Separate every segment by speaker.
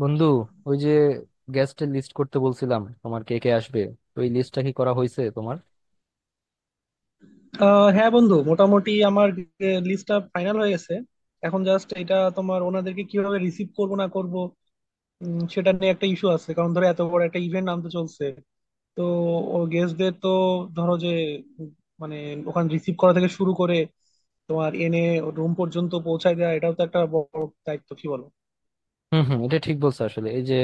Speaker 1: বন্ধু, ওই যে গেস্টের লিস্ট করতে বলছিলাম, তোমার কে কে আসবে ওই লিস্টটা কি করা হয়েছে তোমার?
Speaker 2: হ্যাঁ বন্ধু, মোটামুটি আমার লিস্টটা ফাইনাল হয়ে গেছে। এখন জাস্ট এটা তোমার, ওনাদেরকে কিভাবে রিসিভ করব না করব সেটা নিয়ে একটা ইস্যু আছে। কারণ ধরো, এত বড় একটা ইভেন্ট আনতে চলছে, তো ও গেস্টদের তো, ধরো যে, উম, মানে, ওখানে রিসিভ করা থেকে শুরু করে তোমার এনে রুম পর্যন্ত পৌঁছায় দেওয়া এটাও তো একটা বড় দায়িত্ব, কি বলো?
Speaker 1: হম হম এটা ঠিক বলছো। আসলে এই যে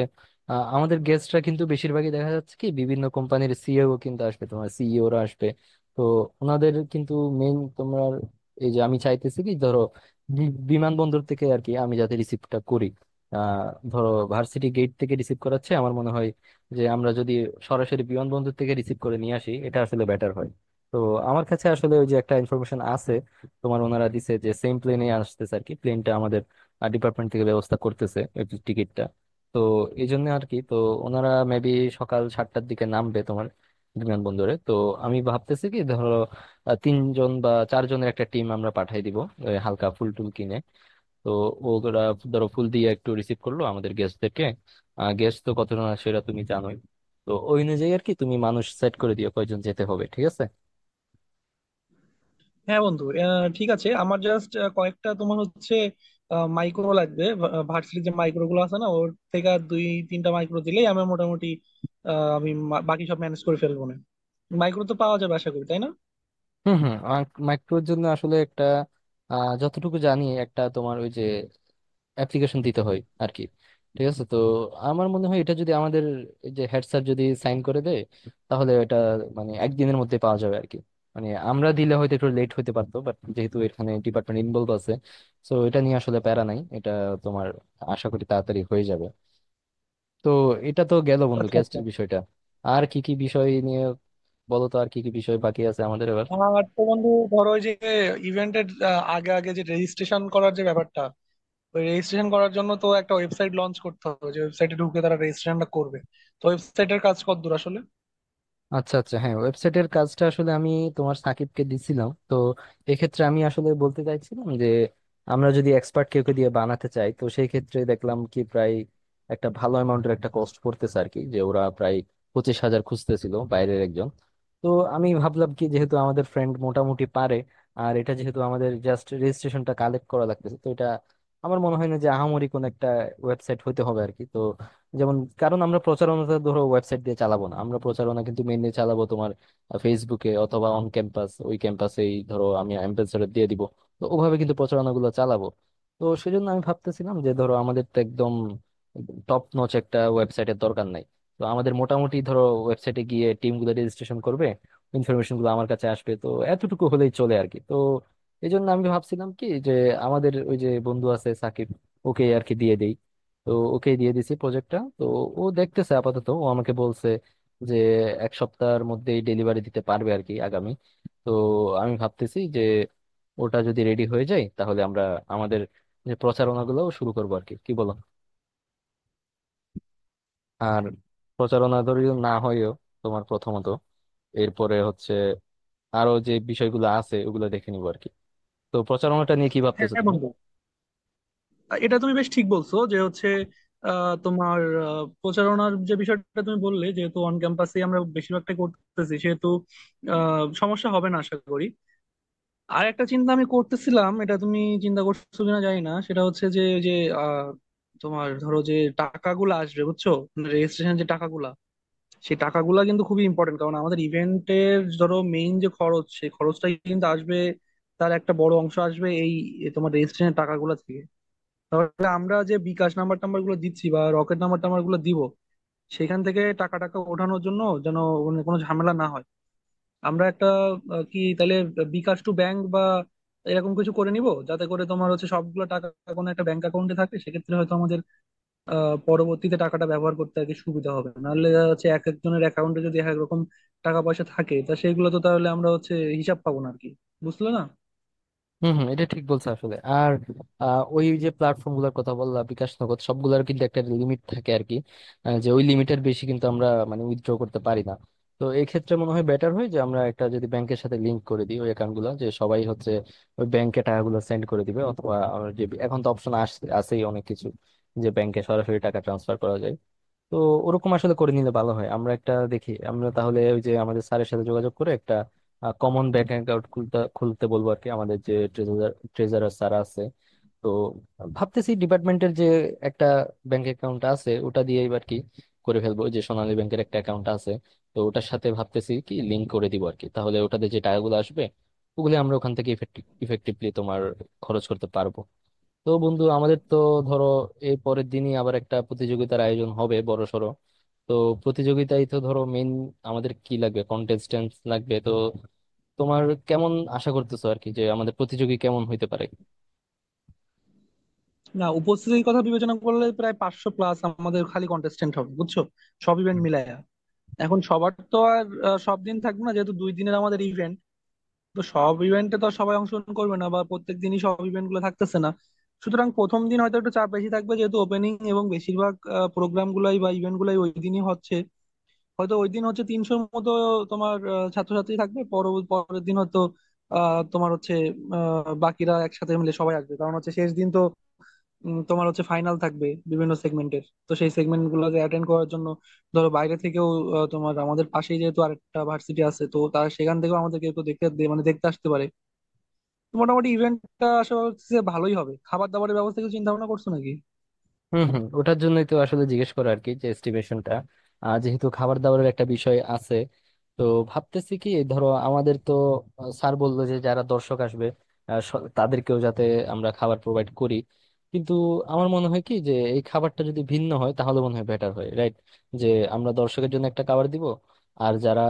Speaker 1: আমাদের গেস্টরা কিন্তু বেশিরভাগই দেখা যাচ্ছে কি বিভিন্ন কোম্পানির সিইও কিন্তু আসবে, তোমার সিইওরা আসবে। তো ওনাদের কিন্তু মেইন তোমার এই যে আমি চাইতেছি কি, ধরো বিমানবন্দর থেকে আর কি আমি যাতে রিসিভটা করি। আহ ধরো ভার্সিটি গেট থেকে রিসিভ করাচ্ছে, আমার মনে হয় যে আমরা যদি সরাসরি বিমানবন্দর থেকে রিসিভ করে নিয়ে আসি, এটা আসলে বেটার হয়। তো আমার কাছে আসলে ওই যে একটা ইনফরমেশন আছে, তোমার ওনারা দিছে যে সেম প্লেনে আসতেছে আর কি। প্লেনটা ডিপার্টমেন্ট থেকে ব্যবস্থা করতেছে, টিকিটটা। তো এই জন্য আর কি, তো ওনারা মেবি সকাল 7টার দিকে নামবে তোমার বিমানবন্দরে। তো আমি ভাবতেছি কি, ধরো 3 জন বা 4 জনের একটা টিম আমরা পাঠাই দিব ওই হালকা ফুল টুল কিনে। তো ওরা ধরো ফুল দিয়ে একটু রিসিভ করলো আমাদের গেস্টদেরকে। গেস্ট তো কতজন আসে সেটা তুমি জানোই। তো ওই অনুযায়ী আর কি তুমি মানুষ সেট করে দিও কয়জন যেতে হবে, ঠিক আছে?
Speaker 2: হ্যাঁ বন্ধু, ঠিক আছে। আমার জাস্ট কয়েকটা তোমার হচ্ছে মাইক্রো লাগবে। ভার্সিটির যে মাইক্রো গুলো আছে না, ওর থেকে আর দুই তিনটা মাইক্রো দিলেই আমার মোটামুটি আমি বাকি সব ম্যানেজ করে ফেলবো, না? মাইক্রো তো পাওয়া যাবে আশা করি, তাই না?
Speaker 1: হুম হুম মাইক্রোর জন্য আসলে একটা যতটুকু জানি একটা তোমার ওই যে অ্যাপ্লিকেশন দিতে হয় আর কি। ঠিক আছে, তো আমার মনে হয় এটা যদি আমাদের এই যে হেড স্যার যদি সাইন করে দেয়, তাহলে এটা মানে একদিনের মধ্যে পাওয়া যাবে আর কি। মানে আমরা দিলে হয়তো একটু লেট হতে পারতো, বাট যেহেতু এখানে ডিপার্টমেন্ট ইনভলভ আছে, তো এটা নিয়ে আসলে প্যারা নাই। এটা তোমার আশা করি তাড়াতাড়ি হয়ে যাবে। তো এটা তো গেল বন্ধু
Speaker 2: আচ্ছা, আচ্ছা।
Speaker 1: গ্যাস্ট্রিক বিষয়টা। আর কি কি বিষয় নিয়ে বলো তো, আর কি কি বিষয় বাকি আছে আমাদের এবার?
Speaker 2: আর তো বন্ধু ধরো, ওই যে ইভেন্টের আগে আগে যে রেজিস্ট্রেশন করার যে ব্যাপারটা, ওই রেজিস্ট্রেশন করার জন্য তো একটা ওয়েবসাইট লঞ্চ করতে হবে, যে ওয়েবসাইটে ঢুকে তারা রেজিস্ট্রেশনটা করবে। তো ওয়েবসাইটের কাজ কতদূর আসলে?
Speaker 1: আচ্ছা আচ্ছা, হ্যাঁ, ওয়েবসাইটের কাজটা আসলে আমি তোমার সাকিবকে দিছিলাম। তো এক্ষেত্রে আমি আসলে বলতে চাইছিলাম যে আমরা যদি এক্সপার্ট কেউকে দিয়ে বানাতে চাই, তো সেই ক্ষেত্রে দেখলাম কি প্রায় একটা ভালো অ্যামাউন্টের একটা কস্ট পড়তেছে আর কি। যে ওরা প্রায় 25,000 খুঁজতেছিল বাইরের একজন। তো আমি ভাবলাম কি, যেহেতু আমাদের ফ্রেন্ড মোটামুটি পারে, আর এটা যেহেতু আমাদের জাস্ট রেজিস্ট্রেশনটা কালেক্ট করা লাগতেছে, তো এটা আমার মনে হয় না যে আহামরি কোন একটা ওয়েবসাইট হতে হবে আর কি। তো যেমন, কারণ আমরা প্রচারণাটা ধরো ওয়েবসাইট দিয়ে চালাবো না, আমরা প্রচারণা কিন্তু মেনলি চালাবো তোমার ফেসবুকে অথবা অন ক্যাম্পাস, ওই ক্যাম্পাসেই ধরো আমি অ্যাম্বাসেডর দিয়ে দিব। তো ওভাবে কিন্তু প্রচারণাগুলো চালাবো। তো সেজন্য আমি ভাবতেছিলাম যে ধরো আমাদের তো একদম টপ নচ একটা ওয়েবসাইটের দরকার নাই। তো আমাদের মোটামুটি ধরো ওয়েবসাইটে গিয়ে টিমগুলো রেজিস্ট্রেশন করবে, ইনফরমেশন গুলো আমার কাছে আসবে, তো এতটুকু হলেই চলে আর কি। তো এই জন্য আমি ভাবছিলাম কি যে আমাদের ওই যে বন্ধু আছে সাকিব, ওকে আর কি দিয়ে দেই। তো ওকে দিয়ে দিছি প্রজেক্টটা। তো ও দেখতেছে আপাতত, ও আমাকে বলছে যে এক সপ্তাহের মধ্যেই ডেলিভারি দিতে পারবে আর কি আগামী। তো আমি ভাবতেছি যে ওটা যদি রেডি হয়ে যায়, তাহলে আমরা আমাদের যে প্রচারণা গুলো শুরু করবো আর কি, কি বলো? আর প্রচারণা ধরি না হয়েও তোমার প্রথমত, এরপরে হচ্ছে আরো যে বিষয়গুলো আছে ওগুলো দেখে নিবো আর কি। তো প্রচারণাটা নিয়ে কি ভাবতেছো
Speaker 2: হ্যাঁ
Speaker 1: তুমি?
Speaker 2: বন্ধু, এটা তুমি বেশ ঠিক বলছো যে হচ্ছে, তোমার, প্রচারণার যে বিষয়টা তুমি বললে, যেহেতু অন ক্যাম্পাসে আমরা বেশিরভাগটা করতেছি, সেহেতু সমস্যা হবে না আশা করি। আর একটা চিন্তা আমি করতেছিলাম, এটা তুমি চিন্তা করছো কিনা জানি না। সেটা হচ্ছে যে যে আহ, তোমার ধরো যে টাকাগুলো আসবে, বুঝছো? রেজিস্ট্রেশন যে টাকাগুলা, সেই টাকাগুলা কিন্তু খুবই ইম্পর্টেন্ট। কারণ আমাদের ইভেন্টের ধরো মেইন যে খরচ, সেই খরচটাই কিন্তু আসবে, তার একটা বড় অংশ আসবে এই তোমার রেজিস্ট্রেশনের টাকাগুলা থেকে। তাহলে আমরা যে বিকাশ নাম্বার টাম্বার গুলো দিচ্ছি বা রকেট নাম্বার টাম্বার গুলো দিব, সেখান থেকে টাকা টাকা ওঠানোর জন্য যেন, মানে, কোনো ঝামেলা না হয়, আমরা একটা, কি তাহলে, বিকাশ টু ব্যাংক বা এরকম কিছু করে নিব, যাতে করে তোমার হচ্ছে সবগুলো টাকা কোনো একটা ব্যাংক অ্যাকাউন্টে থাকে। সেক্ষেত্রে হয়তো আমাদের পরবর্তীতে টাকাটা ব্যবহার করতে আর কি সুবিধা হবে। নাহলে দেখা যাচ্ছে এক একজনের অ্যাকাউন্টে যদি এক এক রকম টাকা পয়সা থাকে, তা সেগুলো তো তাহলে আমরা হচ্ছে হিসাব পাবো না আর কি, বুঝলে না?
Speaker 1: হম হম এটা ঠিক বলছো। আসলে আর ওই যে প্ল্যাটফর্ম গুলোর কথা বললাম, বিকাশ নগদ সবগুলোর কিন্তু একটা লিমিট থাকে আর কি। যে ওই লিমিটের বেশি কিন্তু আমরা মানে উইথড্র করতে পারি না। তো এই ক্ষেত্রে মনে হয় বেটার হয় যে আমরা একটা যদি ব্যাংকের সাথে লিংক করে দিই ওই অ্যাকাউন্ট গুলো, যে সবাই হচ্ছে ওই ব্যাংকে টাকাগুলো সেন্ড করে দিবে, অথবা আমার যে এখন তো অপশন আসছে, আছেই অনেক কিছু, যে ব্যাংকে সরাসরি টাকা ট্রান্সফার করা যায়। তো ওরকম আসলে করে নিলে ভালো হয়। আমরা একটা দেখি, আমরা তাহলে ওই যে আমাদের স্যারের সাথে যোগাযোগ করে একটা কমন ব্যাংক অ্যাকাউন্ট খুলতে খুলতে বলবো আর কি, আমাদের যে ট্রেজারার ট্রেজারার স্যার আছে। তো ভাবতেছি ডিপার্টমেন্টের যে একটা ব্যাংক অ্যাকাউন্ট আছে, ওটা দিয়ে এবার কি করে ফেলবো। ওই যে সোনালী ব্যাংকের একটা অ্যাকাউন্ট আছে, তো ওটার সাথে ভাবতেছি কি লিংক করে দিব আর কি। তাহলে ওটাতে যে টাকাগুলো আসবে, ওগুলো আমরা ওখান থেকে ইফেক্টিভলি তোমার খরচ করতে পারবো। তো বন্ধু, আমাদের তো ধরো এই পরের দিনই আবার একটা প্রতিযোগিতার আয়োজন হবে বড়সড়। তো প্রতিযোগিতায় তো ধরো মেইন আমাদের কি লাগবে, কন্টেস্টেন্ট লাগবে। তো তোমার কেমন আশা করতেছো আর কি, যে আমাদের প্রতিযোগী কেমন হইতে পারে?
Speaker 2: না, উপস্থিতির কথা বিবেচনা করলে প্রায় 500+ আমাদের খালি কন্টেস্টেন্ট হবে, বুঝছো? সব ইভেন্ট মিলায়া। এখন সবার তো আর সব দিন থাকবে না, যেহেতু 2 দিনের আমাদের ইভেন্ট। তো সব ইভেন্টে তো আর সবাই অংশগ্রহণ করবে না, বা প্রত্যেক দিনই সব ইভেন্ট গুলো থাকতেছে না। সুতরাং প্রথম দিন হয়তো একটু চাপ বেশি থাকবে, যেহেতু ওপেনিং এবং বেশিরভাগ প্রোগ্রাম গুলাই বা ইভেন্ট গুলাই ওই দিনই হচ্ছে। হয়তো ওই দিন হচ্ছে তিনশোর মতো তোমার ছাত্রছাত্রী থাকবে। পরের দিন হয়তো তোমার হচ্ছে বাকিরা একসাথে মিলে সবাই আসবে, কারণ হচ্ছে শেষ দিন তো। তোমার হচ্ছে ফাইনাল থাকবে বিভিন্ন সেগমেন্টের, তো সেই সেগমেন্ট গুলোকে অ্যাটেন্ড করার জন্য ধরো বাইরে থেকেও, তোমার, আমাদের পাশেই যেহেতু আরেকটা ভার্সিটি আছে, তো তারা সেখান থেকেও আমাদেরকে একটু দেখতে মানে দেখতে আসতে পারে। তো মোটামুটি ইভেন্টটা আশা করছি যে ভালোই হবে। খাবার দাবারের ব্যবস্থা কিছু চিন্তা ভাবনা করছো নাকি?
Speaker 1: হুম হুম ওটার জন্যই তো আসলে জিজ্ঞেস করা আর কি, যে এস্টিমেশনটা, যেহেতু খাবার দাবারের একটা বিষয় আছে। তো ভাবতেছি কি ধরো আমাদেরকেও স্যার বললো যে যারা দর্শক আসবে তাদেরকেও যাতে আমরা খাবার প্রোভাইড করি। কিন্তু আমার মনে হয় কি যে এই খাবারটা যদি ভিন্ন হয়, তাহলে মনে হয় বেটার হয়, রাইট? যে আমরা দর্শকের জন্য একটা খাবার দিব, আর যারা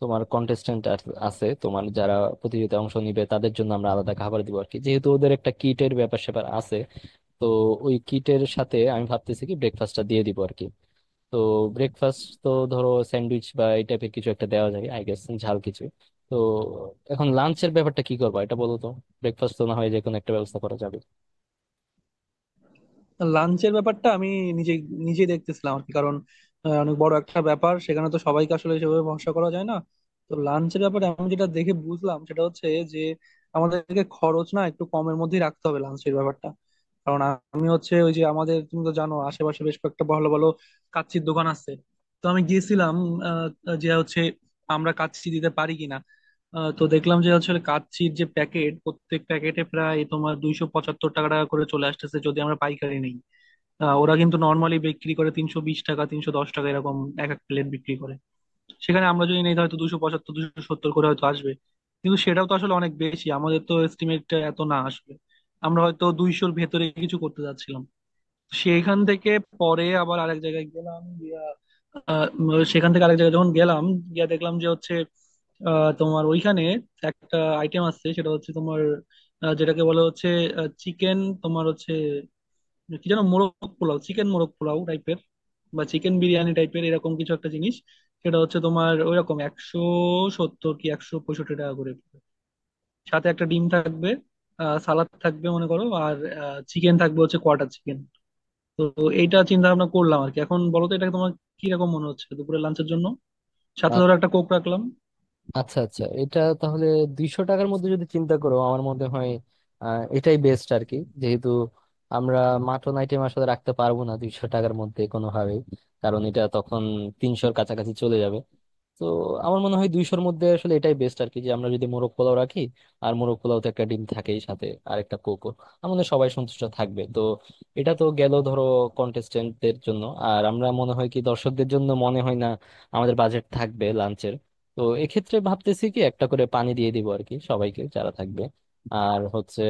Speaker 1: তোমার কন্টেস্টেন্ট আছে, তোমার যারা প্রতিযোগিতায় অংশ নিবে, তাদের জন্য আমরা আলাদা খাবার দিব আর কি, যেহেতু ওদের একটা কিটের ব্যাপার স্যাপার আছে। তো ওই কিটের সাথে আমি ভাবতেছি কি ব্রেকফাস্টটা দিয়ে দিব আর কি। তো ব্রেকফাস্ট তো ধরো স্যান্ডউইচ বা এই টাইপের কিছু একটা দেওয়া যায় আই গেস, ঝাল কিছু। তো এখন লাঞ্চের ব্যাপারটা কি করবো এটা বলো তো। ব্রেকফাস্ট তো না হয় যে কোনো একটা ব্যবস্থা করা যাবে।
Speaker 2: লাঞ্চের ব্যাপারটা আমি নিজে নিজে দেখতেছিলাম আর কি, কারণ অনেক বড় একটা ব্যাপার, সেখানে তো সবাইকে আসলে সেভাবে ভরসা করা যায় না। তো লাঞ্চের ব্যাপারে আমি যেটা দেখে বুঝলাম সেটা হচ্ছে যে, আমাদেরকে খরচ না একটু কমের মধ্যেই রাখতে হবে লাঞ্চের ব্যাপারটা। কারণ আমি হচ্ছে ওই যে, আমাদের তুমি তো জানো, আশেপাশে বেশ কয়েকটা ভালো ভালো কাচ্চির দোকান আছে। তো আমি গিয়েছিলাম, যে হচ্ছে আমরা কাচ্চি দিতে পারি কিনা। তো দেখলাম যে হচ্ছে কাচ্চির যে প্যাকেট, প্রত্যেক প্যাকেটে প্রায় তোমার 275 টাকা টাকা করে চলে আসতেছে, যদি আমরা পাইকারি নিই। ওরা কিন্তু নর্মালি বিক্রি করে 320 টাকা 310 টাকা এরকম, এক এক প্লেট বিক্রি করে। সেখানে আমরা যদি নিই, হয়তো 275 270 করে হয়তো আসবে। কিন্তু সেটাও তো আসলে অনেক বেশি, আমাদের তো এস্টিমেট এত না আসবে। আমরা হয়তো দুইশোর ভেতরে কিছু করতে যাচ্ছিলাম সেখান থেকে। পরে আবার আরেক জায়গায় গেলাম গিয়া, সেখান থেকে আরেক জায়গায় যখন গেলাম গিয়া দেখলাম যে হচ্ছে তোমার ওইখানে একটা আইটেম আছে, সেটা হচ্ছে তোমার যেটাকে বলা হচ্ছে চিকেন, তোমার হচ্ছে কি যেন মোরগ পোলাও, চিকেন মোরগ পোলাও টাইপের বা চিকেন বিরিয়ানি টাইপের এরকম কিছু একটা জিনিস। সেটা হচ্ছে তোমার ওইরকম 170 কি 165 টাকা করে পড়বে। সাথে একটা ডিম থাকবে, সালাদ থাকবে মনে করো, আর চিকেন থাকবে হচ্ছে কোয়াটার চিকেন। তো এইটা চিন্তা ভাবনা করলাম আর কি। এখন বলো তো, এটা তোমার কিরকম মনে হচ্ছে দুপুরের লাঞ্চের জন্য? সাথে
Speaker 1: আ-
Speaker 2: ধরো একটা কোক রাখলাম।
Speaker 1: আচ্ছা আচ্ছা, এটা তাহলে 200 টাকার মধ্যে যদি চিন্তা করো, আমার মনে হয় এটাই বেস্ট আর কি। যেহেতু আমরা মাটন আইটেম আসলে রাখতে পারবো না 200 টাকার মধ্যে কোনোভাবেই, কারণ এটা তখন 300-র কাছাকাছি চলে যাবে। তো আমার মনে হয় 200-র মধ্যে আসলে এটাই বেস্ট আর কি, যে আমরা যদি মোরগ পোলাও রাখি। আর মোরগ পোলাওতে একটা ডিম থাকেই সাথে, আর একটা কোকো আমাদের সবাই সন্তুষ্ট থাকবে। তো এটা তো গেল ধরো কন্টেস্টেন্টদের জন্য। আর আমরা মনে হয় কি দর্শকদের জন্য মনে হয় না আমাদের বাজেট থাকবে লাঞ্চের। তো এক্ষেত্রে ভাবতেছি কি একটা করে পানি দিয়ে দিব আর কি সবাইকে যারা থাকবে। আর হচ্ছে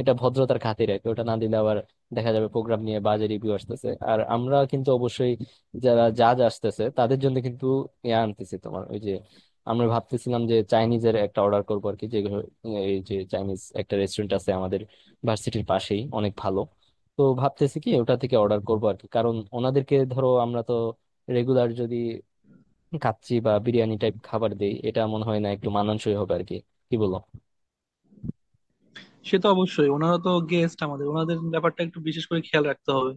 Speaker 1: এটা ভদ্রতার খাতিরে আর কি, ওটা না দিলে আবার দেখা যাবে প্রোগ্রাম নিয়ে বাজে রিভিউ আসতেছে। আর আমরা কিন্তু অবশ্যই যারা জাজ আসতেছে তাদের জন্য কিন্তু ইয়া আনতেছি, তোমার ওই যে আমরা ভাবতেছিলাম যে চাইনিজের একটা অর্ডার করবো আর কি। যে এই যে চাইনিজ একটা রেস্টুরেন্ট আছে আমাদের ভার্সিটির পাশেই, অনেক ভালো। তো ভাবতেছি কি ওটা থেকে অর্ডার করবো আর কি, কারণ ওনাদেরকে ধরো আমরা তো রেগুলার যদি কাচ্চি বা বিরিয়ানি টাইপ খাবার দেই, এটা মনে হয় না একটু মানানসই হবে আর কি। কি বলো?
Speaker 2: সে তো অবশ্যই, ওনারা তো গেস্ট, আমাদের ওনাদের ব্যাপারটা একটু বিশেষ করে খেয়াল রাখতে হবে।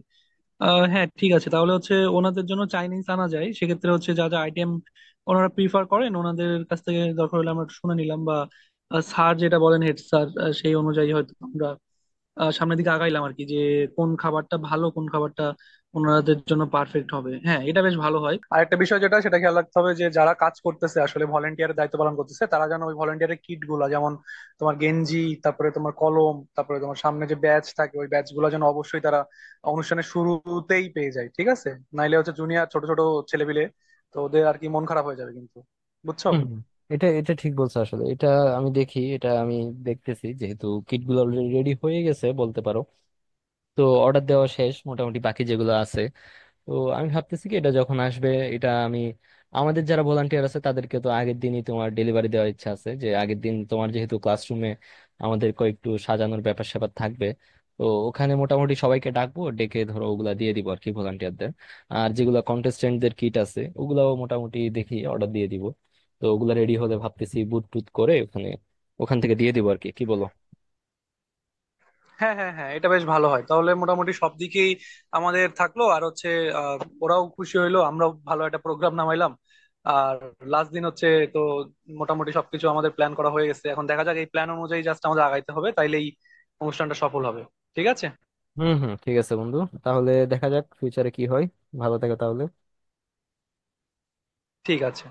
Speaker 2: হ্যাঁ, ঠিক আছে। তাহলে হচ্ছে ওনাদের জন্য চাইনিজ আনা যায় সেক্ষেত্রে হচ্ছে, যা যা আইটেম ওনারা প্রিফার করেন, ওনাদের কাছ থেকে দরকার হলে আমরা একটু শুনে নিলাম, বা স্যার যেটা বলেন, হেড স্যার, সেই অনুযায়ী হয়তো আমরা সামনের দিকে আগাইলাম আর কি, যে কোন খাবারটা ভালো, কোন খাবারটা ওনাদের জন্য পারফেক্ট হবে। হ্যাঁ, এটা বেশ ভালো হয়। আর একটা বিষয় যেটা সেটা খেয়াল রাখতে হবে, যে যারা কাজ করতেছে, আসলে ভলেন্টিয়ারের দায়িত্ব পালন করতেছে, তারা যেন ওই ভলেন্টিয়ারের কিট গুলা, যেমন তোমার গেঞ্জি, তারপরে তোমার কলম, তারপরে তোমার সামনে যে ব্যাচ থাকে, ওই ব্যাচ গুলা যেন অবশ্যই তারা অনুষ্ঠানের শুরুতেই পেয়ে যায়, ঠিক আছে? নাইলে হচ্ছে জুনিয়র ছোট ছোট ছেলেপিলে, তো ওদের আর কি মন খারাপ হয়ে যাবে কিন্তু, বুঝছো?
Speaker 1: হুম হুম। এটা এটা ঠিক বলছো। আসলে এটা আমি দেখি, এটা আমি দেখতেছি। যেহেতু কিট গুলো রেডি হয়ে গেছে বলতে পারো, তো অর্ডার দেওয়া শেষ মোটামুটি, বাকি যেগুলো আছে। তো আমি ভাবতেছি কি এটা যখন আসবে, এটা আমি আমাদের যারা ভলান্টিয়ার আছে তাদেরকে তো আগের দিনই তোমার ডেলিভারি দেওয়ার ইচ্ছা আছে, যে আগের দিন তোমার যেহেতু ক্লাসরুমে আমাদের কয়েকটু সাজানোর ব্যাপার স্যাপার থাকবে। তো ওখানে মোটামুটি সবাইকে ডাকবো, ডেকে ধরো ওগুলা দিয়ে দিব আর কি ভলান্টিয়ারদের। আর যেগুলো কন্টেস্টেন্টদের কিট আছে, ওগুলাও মোটামুটি দেখি অর্ডার দিয়ে দিব। তো ওগুলা রেডি হলে ভাবতেছি বুট টুট করে ওখানে ওখান থেকে দিয়ে দিব আর কি, কি বলো?
Speaker 2: হ্যাঁ, হ্যাঁ, হ্যাঁ, এটা বেশ ভালো হয়। তাহলে মোটামুটি সব দিকেই আমাদের থাকলো, আর হচ্ছে আহ, ওরাও খুশি হইলো, আমরাও ভালো একটা প্রোগ্রাম নামাইলাম। আর লাস্ট দিন হচ্ছে, তো মোটামুটি সবকিছু আমাদের প্ল্যান করা হয়ে গেছে। এখন দেখা যাক এই প্ল্যান অনুযায়ী জাস্ট আমাদের আগাইতে হবে, তাইলেই অনুষ্ঠানটা সফল হবে। ঠিক আছে।
Speaker 1: হুম হুম ঠিক আছে বন্ধু, তাহলে দেখা যাক ফিউচারে কি হয়। ভালো থেকো তাহলে।
Speaker 2: ঠিক আছে।